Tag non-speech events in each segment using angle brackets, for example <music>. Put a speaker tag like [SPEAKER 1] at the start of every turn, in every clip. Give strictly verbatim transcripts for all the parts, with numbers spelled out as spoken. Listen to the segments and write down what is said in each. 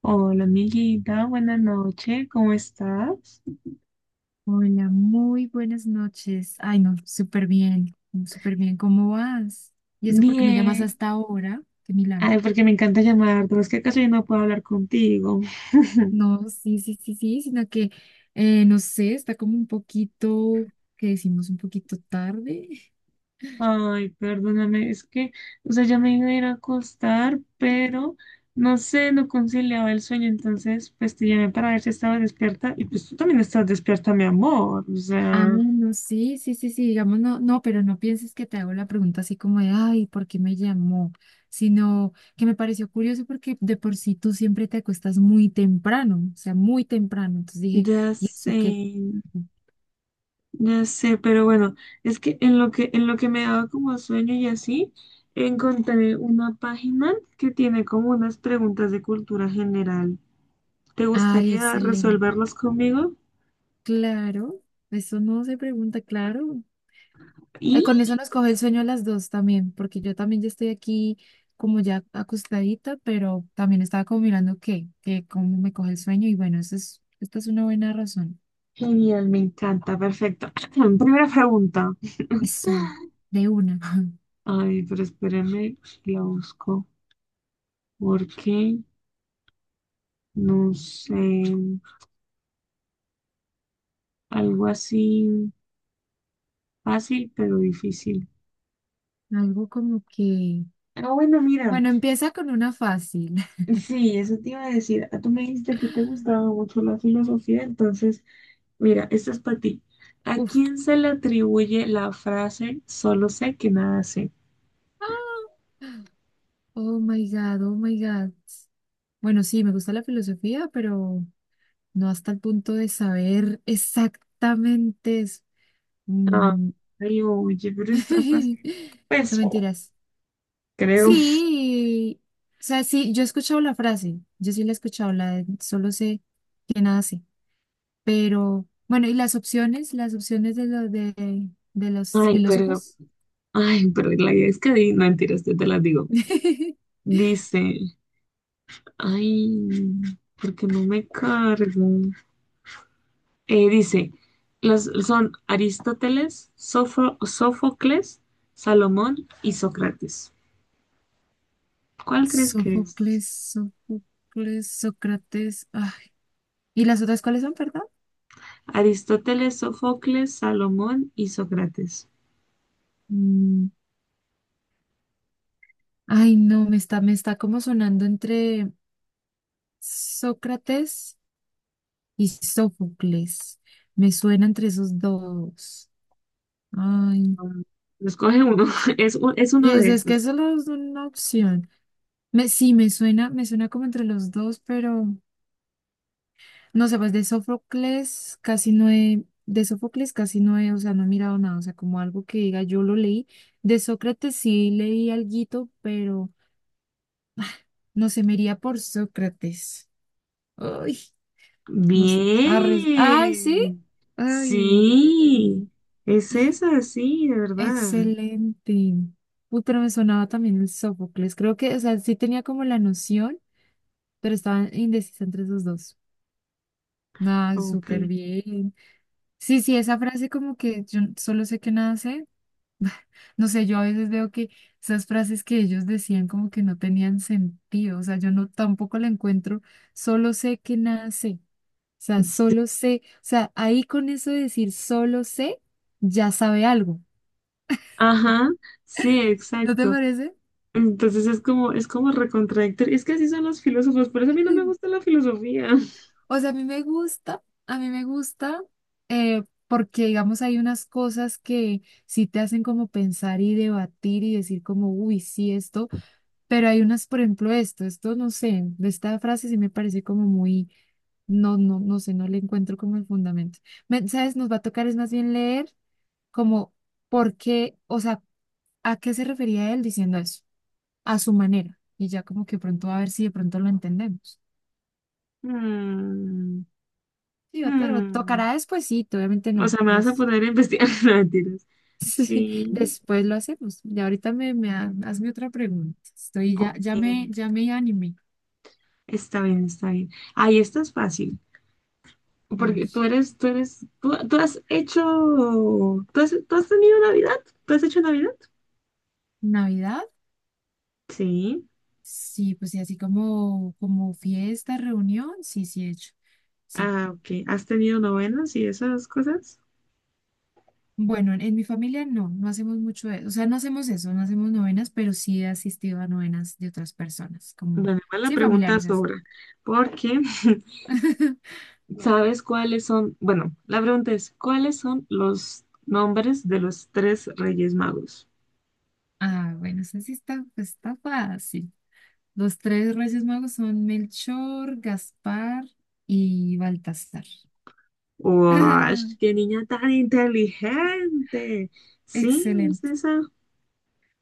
[SPEAKER 1] Hola, amiguita, buenas noches, ¿cómo estás?
[SPEAKER 2] Hola, muy buenas noches. Ay, no, súper bien, súper bien. ¿Cómo vas? ¿Y eso porque me llamas
[SPEAKER 1] Bien.
[SPEAKER 2] hasta ahora? Qué milagro.
[SPEAKER 1] Ay, porque me encanta llamarte, es que acaso yo no puedo hablar contigo. <laughs>
[SPEAKER 2] No, sí, sí, sí, sí, sino que, eh, no sé, está como un poquito, que decimos un poquito tarde.
[SPEAKER 1] Ay, perdóname, es que, o sea, ya me iba a ir a acostar, pero no sé, no conciliaba el sueño, entonces, pues te llamé para ver si estabas despierta, y pues tú también estás despierta, mi amor, o
[SPEAKER 2] Ah,
[SPEAKER 1] sea,
[SPEAKER 2] no, sí, sí, sí, sí, digamos, no, no, pero no pienses que te hago la pregunta así como de, ay, ¿por qué me llamó? Sino que me pareció curioso porque de por sí tú siempre te acuestas muy temprano, o sea, muy temprano. Entonces dije,
[SPEAKER 1] ya
[SPEAKER 2] ¿y
[SPEAKER 1] sé.
[SPEAKER 2] eso qué?
[SPEAKER 1] Ya sé, pero bueno, es que en lo que, en lo que me daba como sueño y así, encontré una página que tiene como unas preguntas de cultura general. ¿Te
[SPEAKER 2] Ay,
[SPEAKER 1] gustaría
[SPEAKER 2] excelente.
[SPEAKER 1] resolverlos conmigo?
[SPEAKER 2] Claro, eso no se pregunta, claro. Eh,
[SPEAKER 1] Y
[SPEAKER 2] con eso nos coge el sueño a las dos también, porque yo también ya estoy aquí como ya acostadita, pero también estaba como mirando qué, que cómo me coge el sueño y bueno, eso es, esta es una buena razón.
[SPEAKER 1] genial, me encanta, perfecto. <clears throat> Primera pregunta.
[SPEAKER 2] Eso, de una. <laughs>
[SPEAKER 1] Ay, pero espérenme, la busco. Porque no sé, algo así fácil pero difícil.
[SPEAKER 2] Algo como que,
[SPEAKER 1] Ah, bueno, mira.
[SPEAKER 2] bueno, empieza con una fácil.
[SPEAKER 1] Sí, eso te iba a decir. Ah, tú me dijiste que te gustaba
[SPEAKER 2] <laughs>
[SPEAKER 1] mucho la filosofía, entonces, mira, esto es para ti. ¿A
[SPEAKER 2] Uf.
[SPEAKER 1] quién se le atribuye la frase solo sé que nada sé?
[SPEAKER 2] Ah. Oh my God, oh my God. Bueno, sí, me gusta la filosofía, pero no hasta el punto de saber exactamente. es-
[SPEAKER 1] Ah,
[SPEAKER 2] mm,
[SPEAKER 1] ay, oye, pero está
[SPEAKER 2] <laughs>
[SPEAKER 1] fácil.
[SPEAKER 2] No
[SPEAKER 1] Pues,
[SPEAKER 2] mentiras.
[SPEAKER 1] creo.
[SPEAKER 2] Sí, o sea, sí, yo he escuchado la frase, yo sí la he escuchado, la de solo sé que nada sé, pero bueno, y las opciones, las opciones de, lo, de, de los
[SPEAKER 1] Ay, pero,
[SPEAKER 2] filósofos.
[SPEAKER 1] ay, pero la idea es que di, no, mentiras, yo te las digo.
[SPEAKER 2] <laughs>
[SPEAKER 1] Dice, ay, porque no me cargo. Eh, dice, los, son Aristóteles, Sofo- Sófocles, Salomón y Sócrates. ¿Cuál crees que es?
[SPEAKER 2] Sófocles, Sófocles, Sócrates. Ay. ¿Y las otras cuáles son, perdón?
[SPEAKER 1] Aristóteles, Sófocles, Salomón y Sócrates.
[SPEAKER 2] Mm, Ay, no, me está, me está como sonando entre. Sócrates y Sófocles. Me suena entre esos dos. Ay,
[SPEAKER 1] Mm, escoge uno, <laughs> es, un- es uno
[SPEAKER 2] pues
[SPEAKER 1] de
[SPEAKER 2] es que
[SPEAKER 1] esos.
[SPEAKER 2] solo es una opción. Me, sí, me suena, me suena como entre los dos, pero no sé, pues de Sófocles casi no he, de Sófocles casi no he, o sea, no he mirado nada, o sea, como algo que diga, yo lo leí. De Sócrates sí leí alguito, pero no sé, me iría por Sócrates. Ay, no sé. Arres, ay, sí.
[SPEAKER 1] Bien,
[SPEAKER 2] Ay,
[SPEAKER 1] sí, es esa, sí, de verdad.
[SPEAKER 2] excelente. Uy, pero me sonaba también el Sófocles. Creo que, o sea, sí tenía como la noción, pero estaba indecisa entre esos dos. Ah,
[SPEAKER 1] Ok.
[SPEAKER 2] súper bien. Sí, sí, esa frase como que yo solo sé que nada sé. <laughs> No sé, yo a veces veo que esas frases que ellos decían como que no tenían sentido. O sea, yo no tampoco la encuentro. Solo sé que nada sé. O
[SPEAKER 1] <laughs>
[SPEAKER 2] sea,
[SPEAKER 1] Sí.
[SPEAKER 2] solo sé. O sea, ahí con eso de decir solo sé, ya sabe algo.
[SPEAKER 1] Ajá, sí,
[SPEAKER 2] ¿No te
[SPEAKER 1] exacto.
[SPEAKER 2] parece?
[SPEAKER 1] Entonces es como, es como recontradictorio. Es que así son los filósofos, por eso a mí no me
[SPEAKER 2] <laughs>
[SPEAKER 1] gusta la filosofía.
[SPEAKER 2] O sea, a mí me gusta, a mí me gusta, eh, porque digamos hay unas cosas que sí te hacen como pensar y debatir y decir como, uy, sí, esto, pero hay unas, por ejemplo, esto, esto no sé, de esta frase sí me parece como muy, no, no, no sé, no le encuentro como el fundamento. Me- ¿sabes? Nos va a tocar es más bien leer como por qué, o sea, ¿a qué se refería él diciendo eso? A su manera. Y ya como que pronto va a ver si de pronto lo entendemos.
[SPEAKER 1] Mm,
[SPEAKER 2] Sí, claro,
[SPEAKER 1] mm.
[SPEAKER 2] tocará despuesito, obviamente
[SPEAKER 1] O
[SPEAKER 2] no.
[SPEAKER 1] sea, me vas a
[SPEAKER 2] Las-
[SPEAKER 1] poner a investigar. <laughs> No, mentiras.
[SPEAKER 2] <laughs> sí,
[SPEAKER 1] Sí,
[SPEAKER 2] después lo hacemos. Y ahorita me, me ha- hazme otra pregunta. Estoy ya, ya me,
[SPEAKER 1] ok.
[SPEAKER 2] Ya me animé.
[SPEAKER 1] Está bien, está bien. Ahí esta es fácil.
[SPEAKER 2] A ver,
[SPEAKER 1] Porque tú eres, tú eres, tú, tú has hecho, tú has, tú has tenido Navidad, tú has hecho Navidad.
[SPEAKER 2] Navidad,
[SPEAKER 1] Sí.
[SPEAKER 2] sí, pues sí, así como, como fiesta, reunión, sí, sí he hecho. Sí.
[SPEAKER 1] Ah, ok. ¿Has tenido novenas y esas cosas?
[SPEAKER 2] Bueno, en, en mi familia no, no hacemos mucho eso. O sea, no hacemos eso, no hacemos novenas, pero sí he asistido a novenas de otras personas, como,
[SPEAKER 1] Bueno, igual la
[SPEAKER 2] sí,
[SPEAKER 1] pregunta
[SPEAKER 2] familiares así.
[SPEAKER 1] sobra. Porque. <laughs>
[SPEAKER 2] <laughs>
[SPEAKER 1] ¿Sabes cuáles son? Bueno, la pregunta es, ¿cuáles son los nombres de los tres Reyes Magos?
[SPEAKER 2] Ah, bueno, eso sí está, pues, está fácil. Los tres Reyes Magos son Melchor, Gaspar y Baltasar.
[SPEAKER 1] ¡Uash! ¡Qué
[SPEAKER 2] <laughs>
[SPEAKER 1] niña tan inteligente! Sí, es
[SPEAKER 2] Excelente.
[SPEAKER 1] esa.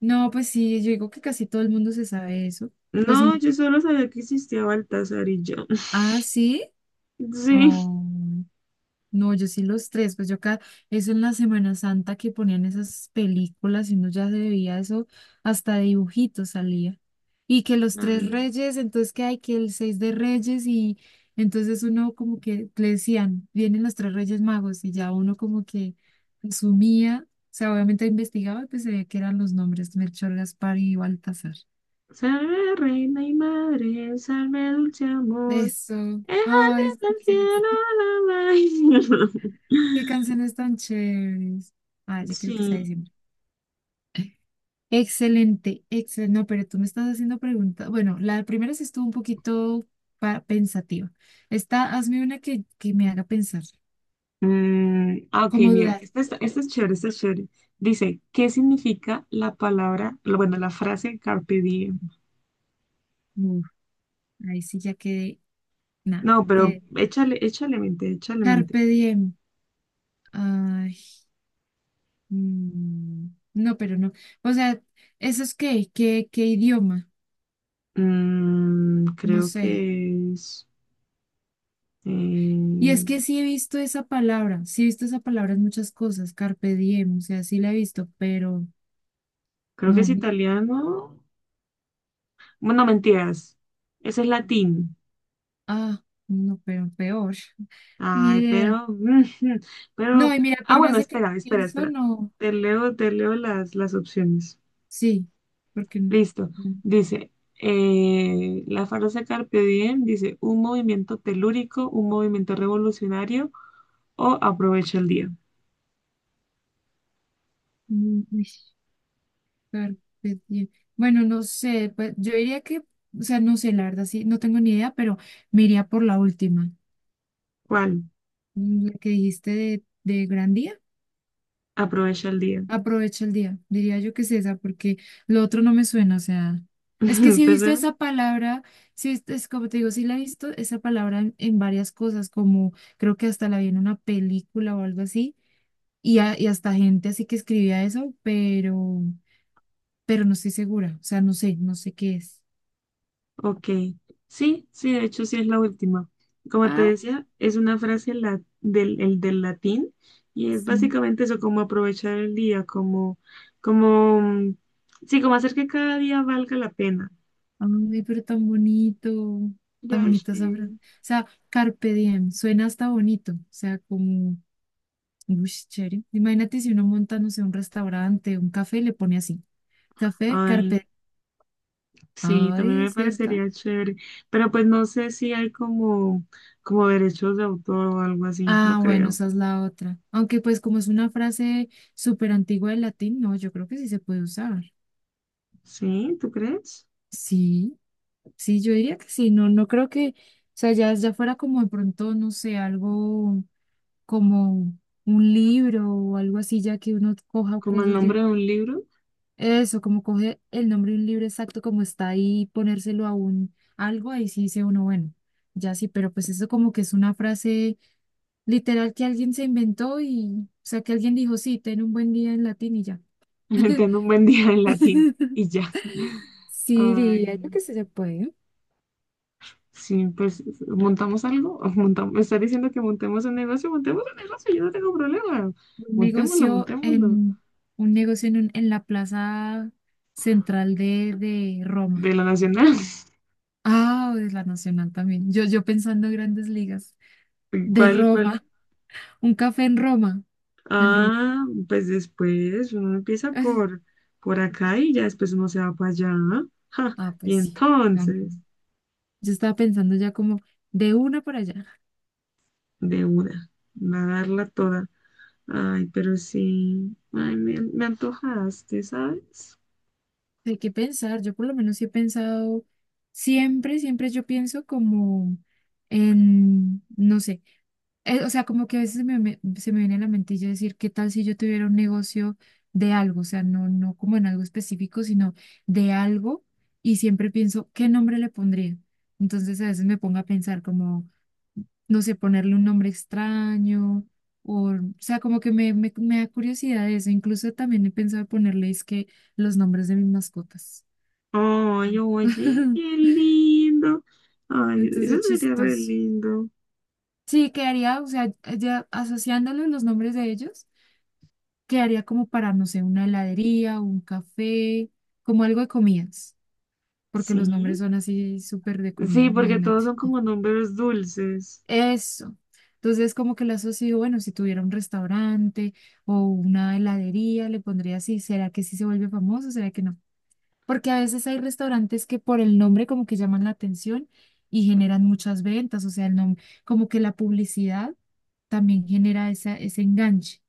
[SPEAKER 2] No, pues sí, yo digo que casi todo el mundo se sabe eso. Pues, mm,
[SPEAKER 1] No, yo solo sabía que existía Baltasar y yo. <laughs>
[SPEAKER 2] ah, sí.
[SPEAKER 1] Sí.
[SPEAKER 2] Oh. No, yo sí los tres, pues yo acá, eso en la Semana Santa que ponían esas películas y uno ya se veía eso, hasta de dibujitos salía. Y que los tres
[SPEAKER 1] Ay,
[SPEAKER 2] reyes, entonces que hay que el seis de reyes y entonces uno como que le decían, vienen los tres reyes magos y ya uno como que asumía, o sea, obviamente investigaba, y pues se veía que eran los nombres Melchor, Gaspar y Baltasar.
[SPEAKER 1] salve reina y madre, salve dulce amor.
[SPEAKER 2] Eso,
[SPEAKER 1] Déjate
[SPEAKER 2] ay,
[SPEAKER 1] del
[SPEAKER 2] estas son-
[SPEAKER 1] cielo la
[SPEAKER 2] qué canciones tan chéveres. Ay, ya creo que se
[SPEAKER 1] <laughs> Sí.
[SPEAKER 2] ha. Excelente, excelente. No, pero tú me estás haciendo preguntas. Bueno, la primera sí estuvo un poquito pa- pensativa. Esta, hazme una que, que me haga pensar,
[SPEAKER 1] Mm, ah, ok,
[SPEAKER 2] como
[SPEAKER 1] mira,
[SPEAKER 2] dudar.
[SPEAKER 1] esta está- esta es chévere, esta es chévere. Dice, ¿qué significa la palabra, bueno, la frase carpe diem?
[SPEAKER 2] Uf, ahí sí ya quedé, nada,
[SPEAKER 1] No, pero
[SPEAKER 2] quedé.
[SPEAKER 1] échale, échale mente, échale mente.
[SPEAKER 2] Carpe diem. Ay, mm, no, pero no. O sea, ¿eso es qué? ¿Qué, qué idioma?
[SPEAKER 1] Mm,
[SPEAKER 2] No
[SPEAKER 1] creo
[SPEAKER 2] sé.
[SPEAKER 1] que es,
[SPEAKER 2] Y
[SPEAKER 1] eh,
[SPEAKER 2] es que sí he visto esa palabra, sí he visto esa palabra en muchas cosas, carpe diem, o sea, sí la he visto, pero
[SPEAKER 1] creo que es
[SPEAKER 2] no.
[SPEAKER 1] italiano. Bueno, mentiras, ese es latín.
[SPEAKER 2] Ah, no, pero peor. <laughs> Ni
[SPEAKER 1] Ay,
[SPEAKER 2] idea.
[SPEAKER 1] pero, <laughs>
[SPEAKER 2] No,
[SPEAKER 1] pero,
[SPEAKER 2] y mira,
[SPEAKER 1] ah,
[SPEAKER 2] por más
[SPEAKER 1] bueno,
[SPEAKER 2] de que
[SPEAKER 1] espera, espera,
[SPEAKER 2] pienso,
[SPEAKER 1] espera.
[SPEAKER 2] no.
[SPEAKER 1] Te leo, te leo las, las opciones.
[SPEAKER 2] Sí, porque no.
[SPEAKER 1] Listo.
[SPEAKER 2] No,
[SPEAKER 1] Dice, eh, la frase Carpe Diem dice, un movimiento telúrico, un movimiento revolucionario o aprovecha el día.
[SPEAKER 2] mm, uy, carpe diem. Bueno, no sé, pues yo diría que, o sea, no sé, la verdad, sí, no tengo ni idea, pero me iría por la última,
[SPEAKER 1] ¿Cuál?
[SPEAKER 2] mm, la que dijiste de, de Gran Día.
[SPEAKER 1] Aprovecha el día.
[SPEAKER 2] Aprovecha el día, diría yo que es esa, porque lo otro no me suena, o sea, es que
[SPEAKER 1] <laughs>
[SPEAKER 2] sí he
[SPEAKER 1] ¿Te
[SPEAKER 2] visto
[SPEAKER 1] suena?
[SPEAKER 2] esa palabra, sí, es es como te digo, sí la he visto esa palabra en, en varias cosas, como creo que hasta la vi en una película o algo así, y, a- y hasta gente así que escribía eso, pero, pero no estoy segura, o sea, no sé, no sé qué es.
[SPEAKER 1] Ok. Sí, sí, de hecho sí es la última. Como te
[SPEAKER 2] Ah,
[SPEAKER 1] decía, es una frase la- del, el del latín y es
[SPEAKER 2] sí,
[SPEAKER 1] básicamente eso, como aprovechar el día, como, como, mm, sí, como hacer que cada día valga la pena.
[SPEAKER 2] ay, pero tan bonito,
[SPEAKER 1] Ya
[SPEAKER 2] tan bonita
[SPEAKER 1] sé.
[SPEAKER 2] esa frase. O sea, carpe diem, suena hasta bonito, o sea, como uy, sí, chévere. Imagínate si uno monta, no sé, un restaurante, un café y le pone así. Café,
[SPEAKER 1] Ay.
[SPEAKER 2] carpeta.
[SPEAKER 1] Sí, también
[SPEAKER 2] Ay,
[SPEAKER 1] me
[SPEAKER 2] ¿cierto?
[SPEAKER 1] parecería chévere, pero pues no sé si hay como, como derechos de autor o algo así, no
[SPEAKER 2] Ah, bueno,
[SPEAKER 1] creo.
[SPEAKER 2] esa es la otra. Aunque pues como es una frase súper antigua del latín, no, yo creo que sí se puede usar.
[SPEAKER 1] ¿Sí? ¿Tú crees?
[SPEAKER 2] Sí, sí, yo diría que sí. No, no creo que, o sea, ya, ya fuera como de pronto, no sé, algo como un libro o algo así, ya que uno coja
[SPEAKER 1] Como el
[SPEAKER 2] cosas de...
[SPEAKER 1] nombre de un libro.
[SPEAKER 2] Eso, como coge el nombre de un libro exacto como está ahí, y ponérselo a un algo, ahí sí dice uno, bueno, ya sí, pero pues eso como que es una frase literal que alguien se inventó y, o sea, que alguien dijo, sí, ten un buen día en latín y ya.
[SPEAKER 1] <laughs> Entiendo un buen día en latín
[SPEAKER 2] <laughs>
[SPEAKER 1] y ya. <laughs>
[SPEAKER 2] Sí,
[SPEAKER 1] Ay,
[SPEAKER 2] diría yo que sí se puede.
[SPEAKER 1] sí, pues montamos algo, <laughs> montamos, me está diciendo que montemos un negocio, montemos un negocio, yo no tengo problema,
[SPEAKER 2] Un
[SPEAKER 1] montémoslo,
[SPEAKER 2] negocio
[SPEAKER 1] montémoslo,
[SPEAKER 2] en, un negocio en, un- en la plaza central de, de Roma.
[SPEAKER 1] de la nacional.
[SPEAKER 2] Ah, o de la Nacional también. Yo, yo pensando en grandes ligas.
[SPEAKER 1] <laughs>
[SPEAKER 2] De
[SPEAKER 1] ¿Cuál, cuál
[SPEAKER 2] Roma, un café en Roma. En Roma.
[SPEAKER 1] ah, pues después uno empieza por, por acá y ya después uno se va para allá. ¿No? Ja,
[SPEAKER 2] Ah,
[SPEAKER 1] y
[SPEAKER 2] pues sí,
[SPEAKER 1] entonces,
[SPEAKER 2] también. Yo estaba pensando ya como de una para allá.
[SPEAKER 1] de una, nadarla toda. Ay, pero sí, ay, me, me antojaste, ¿sabes?
[SPEAKER 2] Hay que pensar, yo por lo menos sí he pensado, siempre, siempre yo pienso como en, no sé, eh, o sea, como que a veces me- me- se me viene a la mentilla decir, ¿qué tal si yo tuviera un negocio de algo? O sea, no, no como en algo específico, sino de algo. Y siempre pienso, ¿qué nombre le pondría? Entonces a veces me pongo a pensar como... no sé, ponerle un nombre extraño, o, o sea, como que me, me, me da curiosidad eso. Incluso también he pensado ponerle, es que los nombres de mis mascotas.
[SPEAKER 1] Ay, oye, qué
[SPEAKER 2] Mm. <laughs>
[SPEAKER 1] lindo. Ay,
[SPEAKER 2] Entonces,
[SPEAKER 1] eso
[SPEAKER 2] es
[SPEAKER 1] sería re
[SPEAKER 2] chistoso.
[SPEAKER 1] lindo.
[SPEAKER 2] Sí, quedaría, o sea, ya asociándolo los nombres de ellos, quedaría como para, no sé, una heladería, un café, como algo de comidas, porque los nombres
[SPEAKER 1] Sí,
[SPEAKER 2] son así súper de
[SPEAKER 1] sí,
[SPEAKER 2] comidas,
[SPEAKER 1] porque todos
[SPEAKER 2] imagínate.
[SPEAKER 1] son como números dulces.
[SPEAKER 2] Eso. Entonces, como que lo asocio, bueno, si tuviera un restaurante o una heladería, le pondría así, ¿será que sí se vuelve famoso? ¿Será que no? Porque a veces hay restaurantes que por el nombre como que llaman la atención y generan muchas ventas, o sea, el nombre, como que la publicidad también genera esa, ese enganche.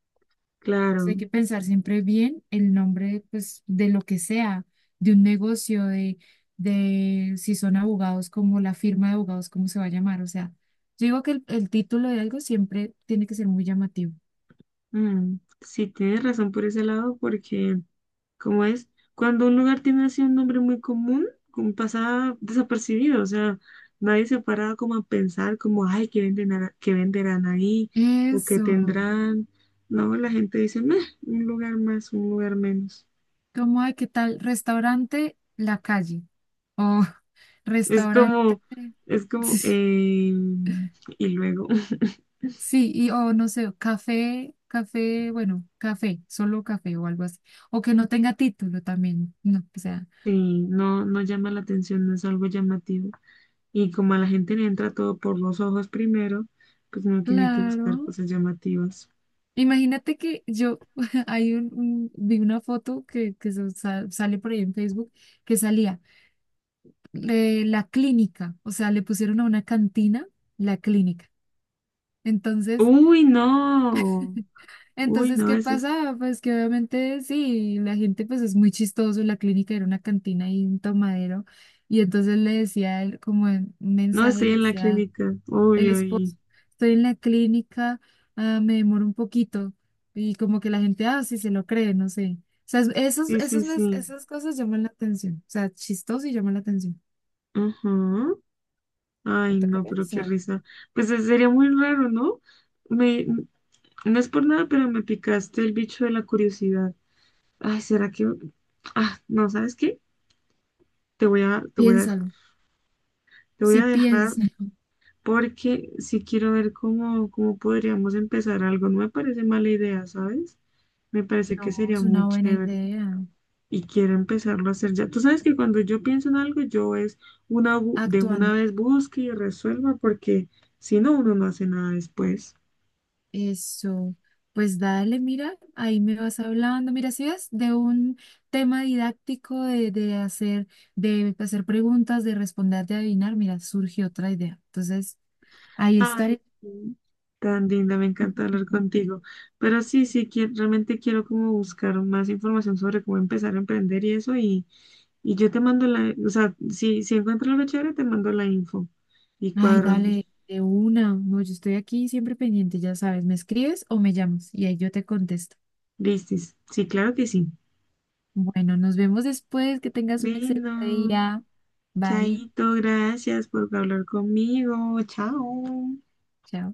[SPEAKER 2] Entonces, hay
[SPEAKER 1] Claro.
[SPEAKER 2] que pensar siempre bien el nombre, pues, de lo que sea, de un negocio, de, de si son abogados, como la firma de abogados, cómo se va a llamar. O sea, yo digo que el, el título de algo siempre tiene que ser muy llamativo.
[SPEAKER 1] Mm, sí, tienes razón por ese lado, porque. ¿Cómo es? Cuando un lugar tiene así un nombre muy común, como pasa desapercibido, o sea, nadie se para como a pensar como, ay, ¿qué venden, a- qué venderán ahí? ¿O qué
[SPEAKER 2] Eso,
[SPEAKER 1] tendrán? No, la gente dice, meh, un lugar más, un lugar menos.
[SPEAKER 2] ¿cómo hay? ¿Qué tal? Restaurante La Calle o <laughs>
[SPEAKER 1] Es
[SPEAKER 2] restaurante,
[SPEAKER 1] como, es como,
[SPEAKER 2] <laughs>
[SPEAKER 1] eh, y luego, <laughs>
[SPEAKER 2] sí, y o no sé, café, café, bueno, café, solo café o algo así. O que no tenga título también, no, o sea.
[SPEAKER 1] sí, no, no llama la atención, no es algo llamativo. Y como a la gente le entra todo por los ojos primero, pues no tiene que buscar
[SPEAKER 2] Claro.
[SPEAKER 1] cosas llamativas.
[SPEAKER 2] Imagínate que yo <laughs> hay un, un- vi una foto que, que se sa- sale por ahí en Facebook que salía eh, la clínica, o sea, le pusieron a una cantina la clínica. Entonces,
[SPEAKER 1] Uy, no. Uy,
[SPEAKER 2] entonces,
[SPEAKER 1] no,
[SPEAKER 2] ¿qué
[SPEAKER 1] eso es,
[SPEAKER 2] pasa? Pues que obviamente sí, la gente pues es muy chistoso, la clínica era una cantina y un tomadero. Y entonces le decía él, como en un
[SPEAKER 1] no
[SPEAKER 2] mensaje, le
[SPEAKER 1] estoy en la
[SPEAKER 2] decía
[SPEAKER 1] clínica.
[SPEAKER 2] el
[SPEAKER 1] Uy,
[SPEAKER 2] esposo.
[SPEAKER 1] uy.
[SPEAKER 2] Estoy en la clínica, ah, me demoro un poquito. Y como que la gente, ah, sí, se lo cree, no sé. O sea, es- esos,
[SPEAKER 1] Sí, sí,
[SPEAKER 2] esos, mes-
[SPEAKER 1] sí.
[SPEAKER 2] esas cosas llaman la atención. O sea, chistoso y llaman la atención.
[SPEAKER 1] Ajá.
[SPEAKER 2] Me
[SPEAKER 1] Ay,
[SPEAKER 2] toca
[SPEAKER 1] no, pero qué
[SPEAKER 2] pensar.
[SPEAKER 1] risa. Pues eh, sería muy raro, ¿no? Me, no es por nada, pero me picaste el bicho de la curiosidad. Ay, ¿será que...? Ah, no, ¿sabes qué? Te voy a, te voy a dejar.
[SPEAKER 2] Piénsalo.
[SPEAKER 1] Te voy
[SPEAKER 2] Sí,
[SPEAKER 1] a dejar
[SPEAKER 2] piensa. <laughs>
[SPEAKER 1] porque sí quiero ver cómo, cómo podríamos empezar algo. No me parece mala idea, ¿sabes? Me parece que
[SPEAKER 2] No,
[SPEAKER 1] sería
[SPEAKER 2] es
[SPEAKER 1] muy
[SPEAKER 2] una buena
[SPEAKER 1] chévere.
[SPEAKER 2] idea.
[SPEAKER 1] Y quiero empezarlo a hacer ya. Tú sabes que cuando yo pienso en algo, yo es una bu- de una
[SPEAKER 2] Actuando.
[SPEAKER 1] vez busque y resuelva, porque si no, uno no hace nada después.
[SPEAKER 2] Eso. Pues dale, mira, ahí me vas hablando. Mira, si ves de un tema didáctico de, de hacer, de hacer preguntas, de responder, de adivinar, mira, surge otra idea. Entonces, ahí
[SPEAKER 1] Ay,
[SPEAKER 2] estaré.
[SPEAKER 1] sí, tan linda, me encanta hablar contigo. Pero sí, sí, quie- realmente quiero como buscar más información sobre cómo empezar a emprender y eso, y, y yo te mando la, o sea, si, si encuentro algo chévere, te mando la info y
[SPEAKER 2] Ay,
[SPEAKER 1] cuadramos.
[SPEAKER 2] dale, de una. No, yo estoy aquí siempre pendiente, ya sabes, me escribes o me llamas y ahí yo te contesto.
[SPEAKER 1] Listis. Sí, claro que sí.
[SPEAKER 2] Bueno, nos vemos después. Que tengas un excelente
[SPEAKER 1] Vino.
[SPEAKER 2] día. Bye.
[SPEAKER 1] Chaito, gracias por hablar conmigo. Chao.
[SPEAKER 2] Chao.